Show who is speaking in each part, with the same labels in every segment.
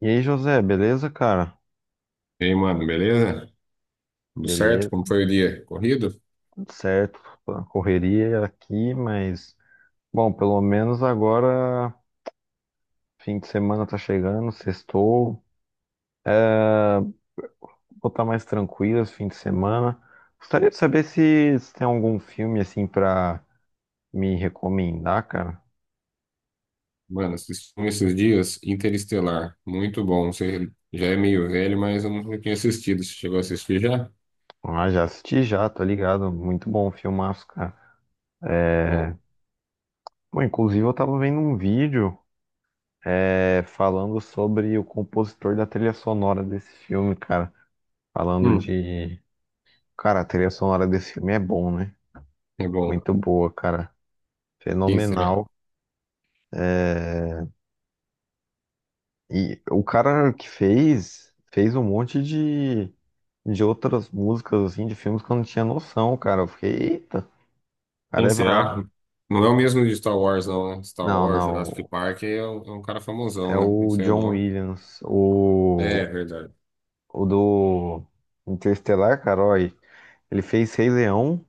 Speaker 1: E aí, José, beleza, cara?
Speaker 2: E aí, mano, beleza? Tudo certo?
Speaker 1: Beleza,
Speaker 2: Como foi o dia? Corrido?
Speaker 1: tudo certo. A Correria aqui, mas bom, pelo menos agora fim de semana tá chegando, sextou, vou estar mais tranquilo esse fim de semana. Gostaria de saber se tem algum filme assim pra me recomendar, cara.
Speaker 2: Mano, assisti um esses dias Interestelar. Muito bom. Você já é meio velho, mas eu nunca tinha assistido. Você chegou a assistir já?
Speaker 1: Ah, já assisti já, tá ligado? Muito bom, o filmaço, cara.
Speaker 2: Bom.
Speaker 1: É... Bom, inclusive eu tava vendo um vídeo falando sobre o compositor da trilha sonora desse filme, cara. Falando
Speaker 2: Hum,
Speaker 1: de Cara, a trilha sonora desse filme é bom, né?
Speaker 2: é bom.
Speaker 1: Muito boa, cara.
Speaker 2: Quem será?
Speaker 1: Fenomenal. É, E o cara que fez um monte de outras músicas, assim, de filmes que eu não tinha noção, cara. Eu fiquei, eita, o cara
Speaker 2: Quem
Speaker 1: é bravo.
Speaker 2: será? Não é o mesmo de Star Wars, não, né? Star
Speaker 1: Não,
Speaker 2: Wars, Jurassic
Speaker 1: não.
Speaker 2: Park é um cara
Speaker 1: É
Speaker 2: famosão, né? Não
Speaker 1: o
Speaker 2: sei o
Speaker 1: John
Speaker 2: nome.
Speaker 1: Williams,
Speaker 2: É,
Speaker 1: o,
Speaker 2: verdade.
Speaker 1: o do Interestelar, cara. Ó, aí. Ele fez Rei Leão,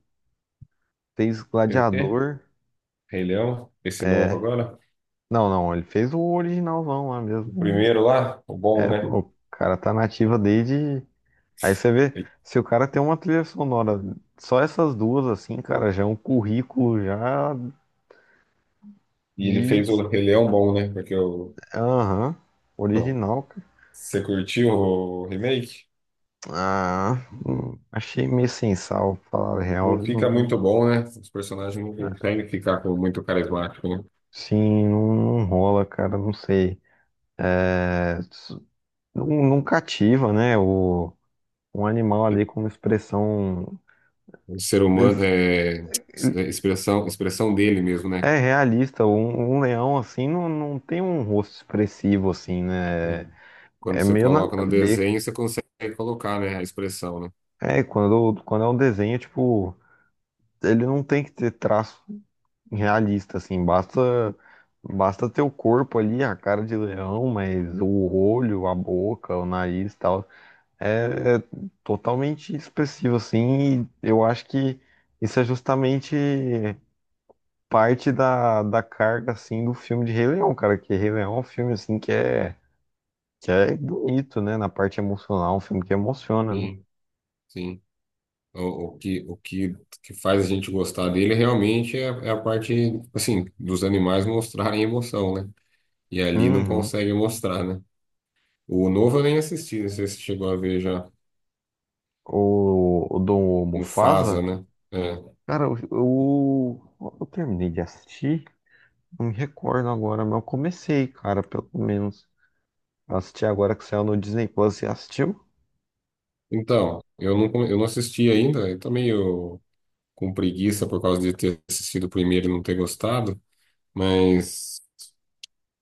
Speaker 1: fez
Speaker 2: Fez o quê?
Speaker 1: Gladiador.
Speaker 2: Rei Leão? Esse novo
Speaker 1: É.
Speaker 2: agora?
Speaker 1: Não, não. Ele fez o originalzão lá
Speaker 2: O
Speaker 1: mesmo.
Speaker 2: primeiro lá? O bom, né?
Speaker 1: Pô, o cara tá nativa desde. Aí você vê, se o cara tem uma trilha sonora, só essas duas, assim, cara, já é um currículo já
Speaker 2: E ele
Speaker 1: de.
Speaker 2: fez o Rei Leão bom, né? Porque o.
Speaker 1: Aham, original, cara.
Speaker 2: Você curtiu o remake?
Speaker 1: Ah, achei meio sem sal, pra falar a real.
Speaker 2: Não
Speaker 1: Viu?
Speaker 2: fica muito bom, né? Os personagens não
Speaker 1: É,
Speaker 2: conseguem ficar com muito carismático, né?
Speaker 1: Sim, não, não rola, cara, não sei. É, s- não, não cativa, né? Um animal ali como expressão.
Speaker 2: O ser
Speaker 1: Ele,
Speaker 2: humano é expressão, expressão dele mesmo, né?
Speaker 1: É realista, um leão assim não, não tem um rosto expressivo assim, né? É
Speaker 2: Quando
Speaker 1: é
Speaker 2: você
Speaker 1: meio nada
Speaker 2: coloca
Speaker 1: a
Speaker 2: no
Speaker 1: ver.
Speaker 2: desenho, você consegue colocar, né, a expressão, né?
Speaker 1: Quando é um desenho, tipo, ele não tem que ter traço realista, assim, basta ter o corpo ali, a cara de leão, mas o olho, a boca, o nariz e tal, é totalmente expressivo, assim, e eu acho que isso é justamente parte da carga, assim, do filme de Rei Leão, cara, que Rei Leão é um filme, assim, que é bonito, né? Na parte emocional, um filme que emociona, né?
Speaker 2: Sim, sim. O, o que faz a gente gostar dele realmente é a parte, assim, dos animais mostrarem emoção, né? E ali não
Speaker 1: Uhum.
Speaker 2: consegue mostrar, né? O novo eu nem assisti, não sei se você chegou a ver já.
Speaker 1: O do
Speaker 2: Mufasa,
Speaker 1: Mufasa,
Speaker 2: né? É.
Speaker 1: cara, eu terminei de assistir, não me recordo agora, mas eu comecei, cara, pelo menos. Eu assisti agora que saiu no Disney Plus, você assistiu?
Speaker 2: Então, eu não assisti ainda, eu tô meio com preguiça por causa de ter assistido o primeiro e não ter gostado, mas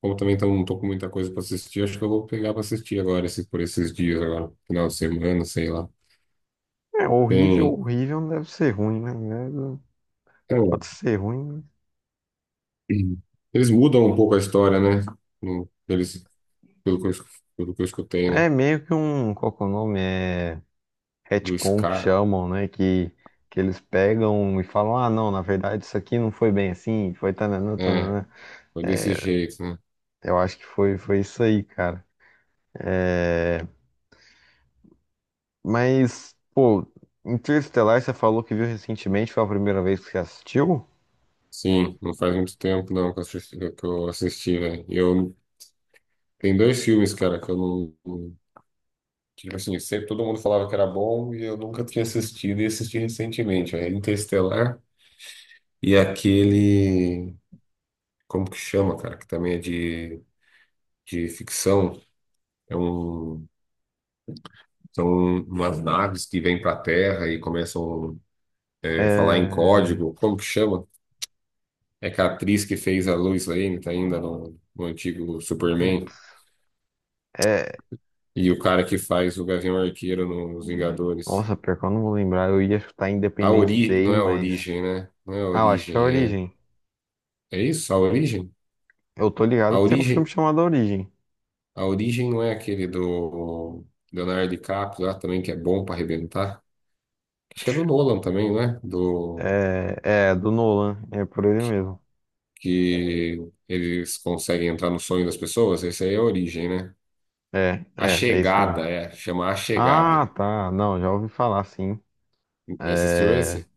Speaker 2: como também não tô com muita coisa para assistir, acho que eu vou pegar para assistir agora, esse, por esses dias agora, final de semana, sei lá.
Speaker 1: É horrível,
Speaker 2: Tem,
Speaker 1: horrível, não deve ser ruim, né? É,
Speaker 2: é,
Speaker 1: Pode ser ruim.
Speaker 2: eles mudam um pouco a história, né? Eles, pelo que eu, es- pelo que eu escutei,
Speaker 1: Né?
Speaker 2: né?
Speaker 1: É meio que um, qual que é o nome? É
Speaker 2: Do
Speaker 1: retcon que
Speaker 2: Scar.
Speaker 1: chamam, né? Que eles pegam e falam, ah, não, na verdade isso aqui não foi bem assim, foi tananã,
Speaker 2: É,
Speaker 1: tananã.
Speaker 2: foi desse jeito, né?
Speaker 1: Eu acho que foi isso aí, cara. É, Mas, pô, Interestelar, você falou que viu recentemente, foi a primeira vez que você assistiu?
Speaker 2: Sim, não faz muito tempo não que eu assisti, velho. E eu Tem dois filmes, cara, que eu não. não- Tipo assim, sempre todo mundo falava que era bom e eu nunca tinha assistido e assisti recentemente. É Interestelar e aquele. Como que chama, cara? Que também é de ficção. É um, são umas naves que vêm pra Terra e começam a falar em
Speaker 1: É.
Speaker 2: código. Como que chama? É que a atriz que fez a Lois Lane, tá ainda no antigo Superman,
Speaker 1: É.
Speaker 2: e o cara que faz o Gavião Arqueiro nos Vingadores.
Speaker 1: Nossa, pior que eu não vou lembrar. Eu ia chutar Independence
Speaker 2: Não
Speaker 1: Day,
Speaker 2: é a
Speaker 1: mas.
Speaker 2: origem, né? Não é a
Speaker 1: Ah, eu acho que é a
Speaker 2: origem, é...
Speaker 1: Origem.
Speaker 2: É isso? A origem?
Speaker 1: Eu tô
Speaker 2: A
Speaker 1: ligado que tem um filme
Speaker 2: origem,
Speaker 1: chamado A Origem.
Speaker 2: a origem não é aquele do Leonardo DiCaprio lá também, que é bom para arrebentar? Acho que é do Nolan também, não é? Do...
Speaker 1: É, é, do Nolan. É por ele mesmo.
Speaker 2: Que eles conseguem entrar no sonho das pessoas. Esse aí é a origem, né?
Speaker 1: É,
Speaker 2: A
Speaker 1: é, é isso mesmo.
Speaker 2: Chegada, é. Chama A Chegada.
Speaker 1: Ah, tá. Não, já ouvi falar, sim.
Speaker 2: Assistiu
Speaker 1: É.
Speaker 2: esse?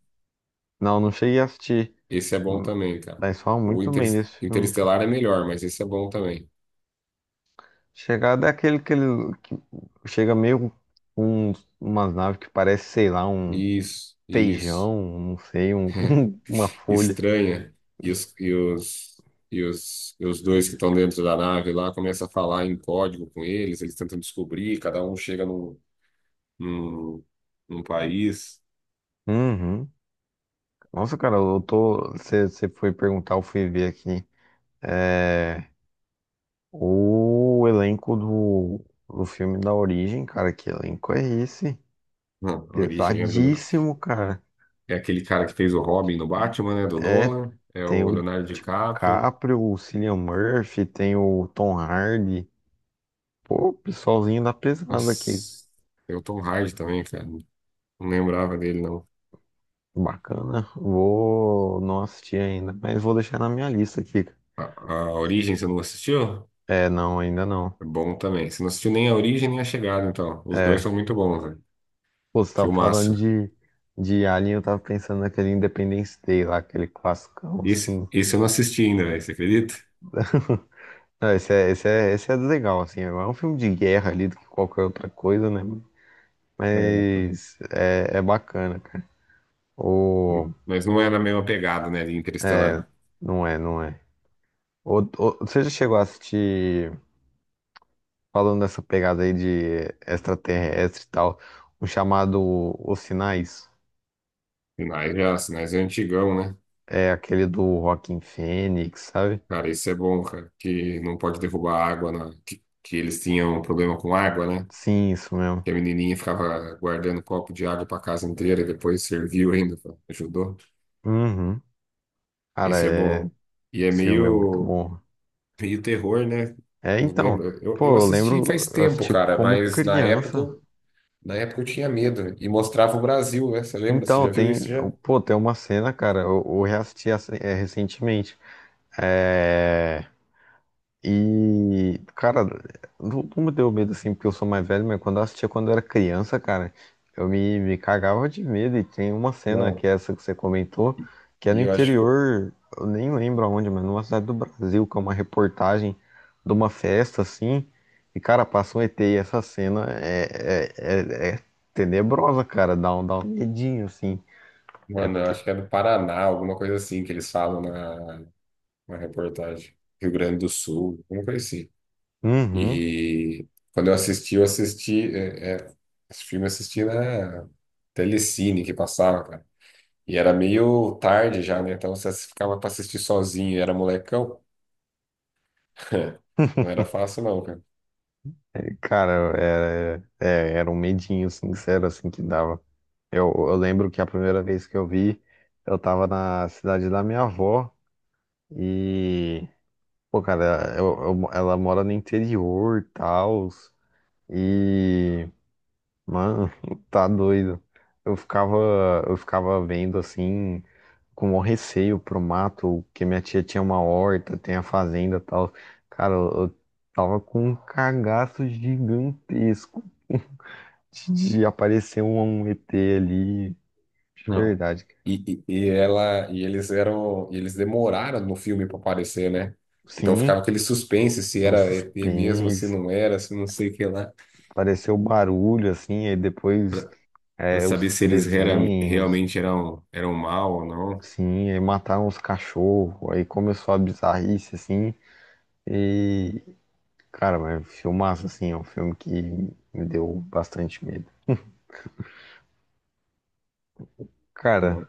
Speaker 1: Não, não cheguei a assistir.
Speaker 2: Esse é bom
Speaker 1: Hum.
Speaker 2: também, cara.
Speaker 1: Mas falam
Speaker 2: O
Speaker 1: muito
Speaker 2: Inter...
Speaker 1: bem desse filme.
Speaker 2: Interestelar é melhor, mas esse é bom também.
Speaker 1: Chegada é aquele que chega meio com umas naves que parece, sei lá, um
Speaker 2: Isso, isso.
Speaker 1: feijão, não sei, uma folha.
Speaker 2: estranha e os, e os, e os dois que estão dentro da nave lá começam a falar em código com eles, eles tentam descobrir, cada um chega num, num país.
Speaker 1: Uhum. Nossa, cara, eu tô. Você foi perguntar, eu fui ver aqui. É, o elenco do filme da Origem, cara, que elenco é esse?
Speaker 2: Não, a origem é do...
Speaker 1: Pesadíssimo, cara.
Speaker 2: É aquele cara que fez o Robin no Batman, né, do
Speaker 1: É,
Speaker 2: Nolan, é
Speaker 1: Tem
Speaker 2: o
Speaker 1: o
Speaker 2: Leonardo DiCaprio.
Speaker 1: DiCaprio, o Cillian Murphy, tem o Tom Hardy. Pô, pessoalzinho da pesada aqui.
Speaker 2: Nossa, tem o Tom Hardy também, cara, não lembrava dele, não.
Speaker 1: Bacana. Vou não assisti ainda, mas vou deixar na minha lista aqui.
Speaker 2: A, a Origem você não assistiu?
Speaker 1: É, não, ainda não.
Speaker 2: É bom também. Você não assistiu nem a Origem nem a Chegada, então. Os dois
Speaker 1: É,
Speaker 2: são muito bons, velho.
Speaker 1: Pô, você tava falando
Speaker 2: Filmaço.
Speaker 1: de Alien, eu tava pensando naquele Independence Day lá, aquele classicão,
Speaker 2: Esse,
Speaker 1: assim.
Speaker 2: esse eu não assisti ainda, velho, você acredita?
Speaker 1: Não, esse é legal, assim. É um filme de guerra ali do que qualquer outra coisa, né?
Speaker 2: É, tá.
Speaker 1: Mas é bacana, cara. Ou,
Speaker 2: Mas não é na mesma pegada, né, de
Speaker 1: é,
Speaker 2: Interestelar.
Speaker 1: não é, não é. Você já chegou a assistir falando nessa pegada aí de extraterrestre e tal, o chamado Os Sinais
Speaker 2: Sinais já, Sinais é antigão, né?
Speaker 1: é aquele do Joaquin Phoenix, sabe?
Speaker 2: Cara, isso é bom, cara, que não pode derrubar água, que eles tinham um problema com água, né?
Speaker 1: Sim, isso mesmo.
Speaker 2: Que a menininha ficava guardando copo de água pra casa inteira, depois serviu ainda, pô, ajudou.
Speaker 1: Uhum. Cara,
Speaker 2: Isso é bom. E é
Speaker 1: esse filme é muito
Speaker 2: meio,
Speaker 1: bom.
Speaker 2: meio terror, né? Não
Speaker 1: Então,
Speaker 2: lembro. Eu
Speaker 1: pô, eu
Speaker 2: assisti
Speaker 1: lembro,
Speaker 2: faz
Speaker 1: eu
Speaker 2: tempo,
Speaker 1: assisti
Speaker 2: cara,
Speaker 1: como
Speaker 2: mas na época
Speaker 1: criança.
Speaker 2: Na época eu tinha medo e mostrava o Brasil, né? Você lembra? Você
Speaker 1: Então,
Speaker 2: já viu
Speaker 1: tem,
Speaker 2: isso já?
Speaker 1: pô, tem uma cena, cara, eu reassisti recentemente. É, E, cara, não, não me deu medo assim, porque eu sou mais velho, mas quando eu assistia quando eu era criança, cara, eu me cagava de medo. E tem uma cena
Speaker 2: Não.
Speaker 1: que é essa que você comentou, que é no
Speaker 2: E eu acho que,
Speaker 1: interior, eu nem lembro aonde, mas numa cidade do Brasil, que é uma reportagem de uma festa assim. E, cara, passa um ET e essa cena é tenebrosa, cara, dá um medinho assim.
Speaker 2: Mano, eu acho que é do Paraná, alguma coisa assim que eles falam na reportagem. Rio Grande do Sul, alguma coisa assim.
Speaker 1: Uhum,
Speaker 2: E quando eu assisti, esse filme eu assisti na Telecine que passava, cara. E era meio tarde já, né? Então você ficava pra assistir sozinho, era molecão. Não era fácil não, cara.
Speaker 1: cara, era, é, era um medinho sincero assim que dava. Eu lembro que a primeira vez que eu vi, eu tava na cidade da minha avó e, pô, cara, ela mora no interior e tal, e, mano, tá doido. Eu ficava, eu ficava vendo assim, com o receio pro mato, que minha tia tinha uma horta, tem a fazenda e tal. Cara, eu tava com um cagaço gigantesco de aparecer um ET ali, de
Speaker 2: Não.
Speaker 1: verdade.
Speaker 2: E ela e eles demoraram no filme para aparecer, né? Então ficava
Speaker 1: Sim.
Speaker 2: aquele suspense se
Speaker 1: Um
Speaker 2: era ET mesmo, se
Speaker 1: suspense,
Speaker 2: não era, se não sei o que lá,
Speaker 1: apareceu barulho, assim, aí depois
Speaker 2: para pra
Speaker 1: os
Speaker 2: saber se
Speaker 1: desenhos,
Speaker 2: realmente eram mal ou não.
Speaker 1: sim, aí mataram os cachorros, aí começou a bizarrice, assim, e, cara, mas é um filmaço, assim, é um filme que me deu bastante medo. Cara,
Speaker 2: Não.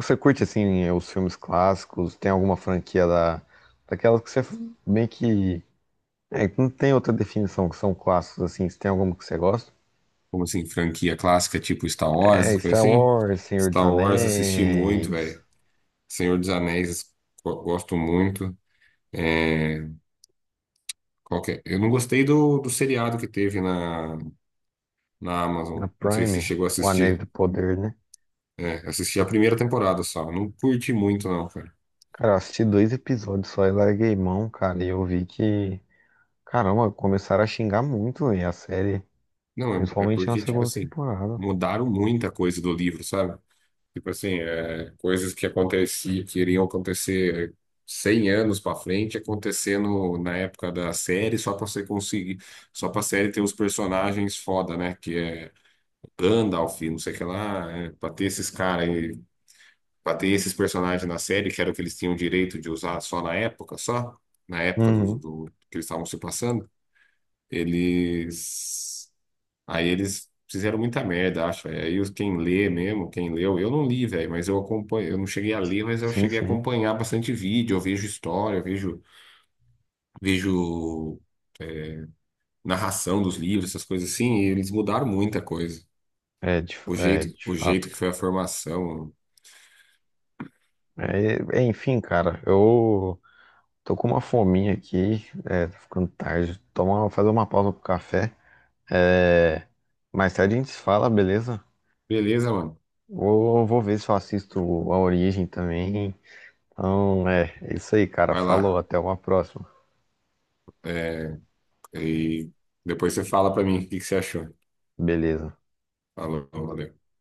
Speaker 1: você curte, assim, os filmes clássicos, tem alguma franquia da, daquelas que você meio que, não tem outra definição que são clássicos, assim, se tem alguma que você gosta?
Speaker 2: Como assim, franquia clássica tipo Star Wars, essas
Speaker 1: Star
Speaker 2: coisas assim?
Speaker 1: Wars, Senhor dos
Speaker 2: Star Wars assisti muito,
Speaker 1: Anéis,
Speaker 2: velho. Senhor dos Anéis, gosto muito. É, qual que é? Eu não gostei do seriado que teve na Amazon.
Speaker 1: na
Speaker 2: Não sei se você
Speaker 1: Prime,
Speaker 2: chegou a
Speaker 1: o Anéis
Speaker 2: assistir.
Speaker 1: do Poder, né?
Speaker 2: É, assisti a primeira temporada só. Não curti muito, não, cara.
Speaker 1: Cara, eu assisti dois episódios só e larguei mão, cara, e eu vi que, caramba, começaram a xingar muito, véi, a série,
Speaker 2: Não, é
Speaker 1: principalmente na
Speaker 2: porque, tipo
Speaker 1: segunda
Speaker 2: assim,
Speaker 1: temporada.
Speaker 2: mudaram muita coisa do livro, sabe? Tipo assim, é, coisas que aconteciam, que iriam acontecer 100 anos pra frente, acontecendo na época da série, só pra você conseguir, só pra série ter os personagens foda, né? Que é Gandalf, não sei o que lá, é, pra ter esses personagens na série, que era o que eles tinham direito de usar só, na época
Speaker 1: Uhum,
Speaker 2: que eles estavam se passando, eles. Aí eles fizeram muita merda, acho, velho. Aí quem lê mesmo, quem leu, eu não li, velho, mas eu acompanho, eu não cheguei a ler, mas eu
Speaker 1: sim,
Speaker 2: cheguei a
Speaker 1: sim,
Speaker 2: acompanhar bastante vídeo, eu vejo história, vejo narração dos livros, essas coisas assim, e eles mudaram muita coisa.
Speaker 1: é de,
Speaker 2: O
Speaker 1: é,
Speaker 2: jeito,
Speaker 1: de
Speaker 2: o
Speaker 1: fato.
Speaker 2: jeito que foi a formação.
Speaker 1: Enfim, cara, eu tô com uma fominha aqui, tá ficando tarde, tomar, fazer uma pausa pro café, é, mais tarde a gente se fala, beleza?
Speaker 2: Beleza, mano.
Speaker 1: Vou ver se eu assisto a Origem também. Então, é isso aí, cara.
Speaker 2: Vai
Speaker 1: Falou,
Speaker 2: lá.
Speaker 1: até uma próxima.
Speaker 2: É, e depois você fala pra mim o que que você achou.
Speaker 1: Beleza.
Speaker 2: Falou, valeu.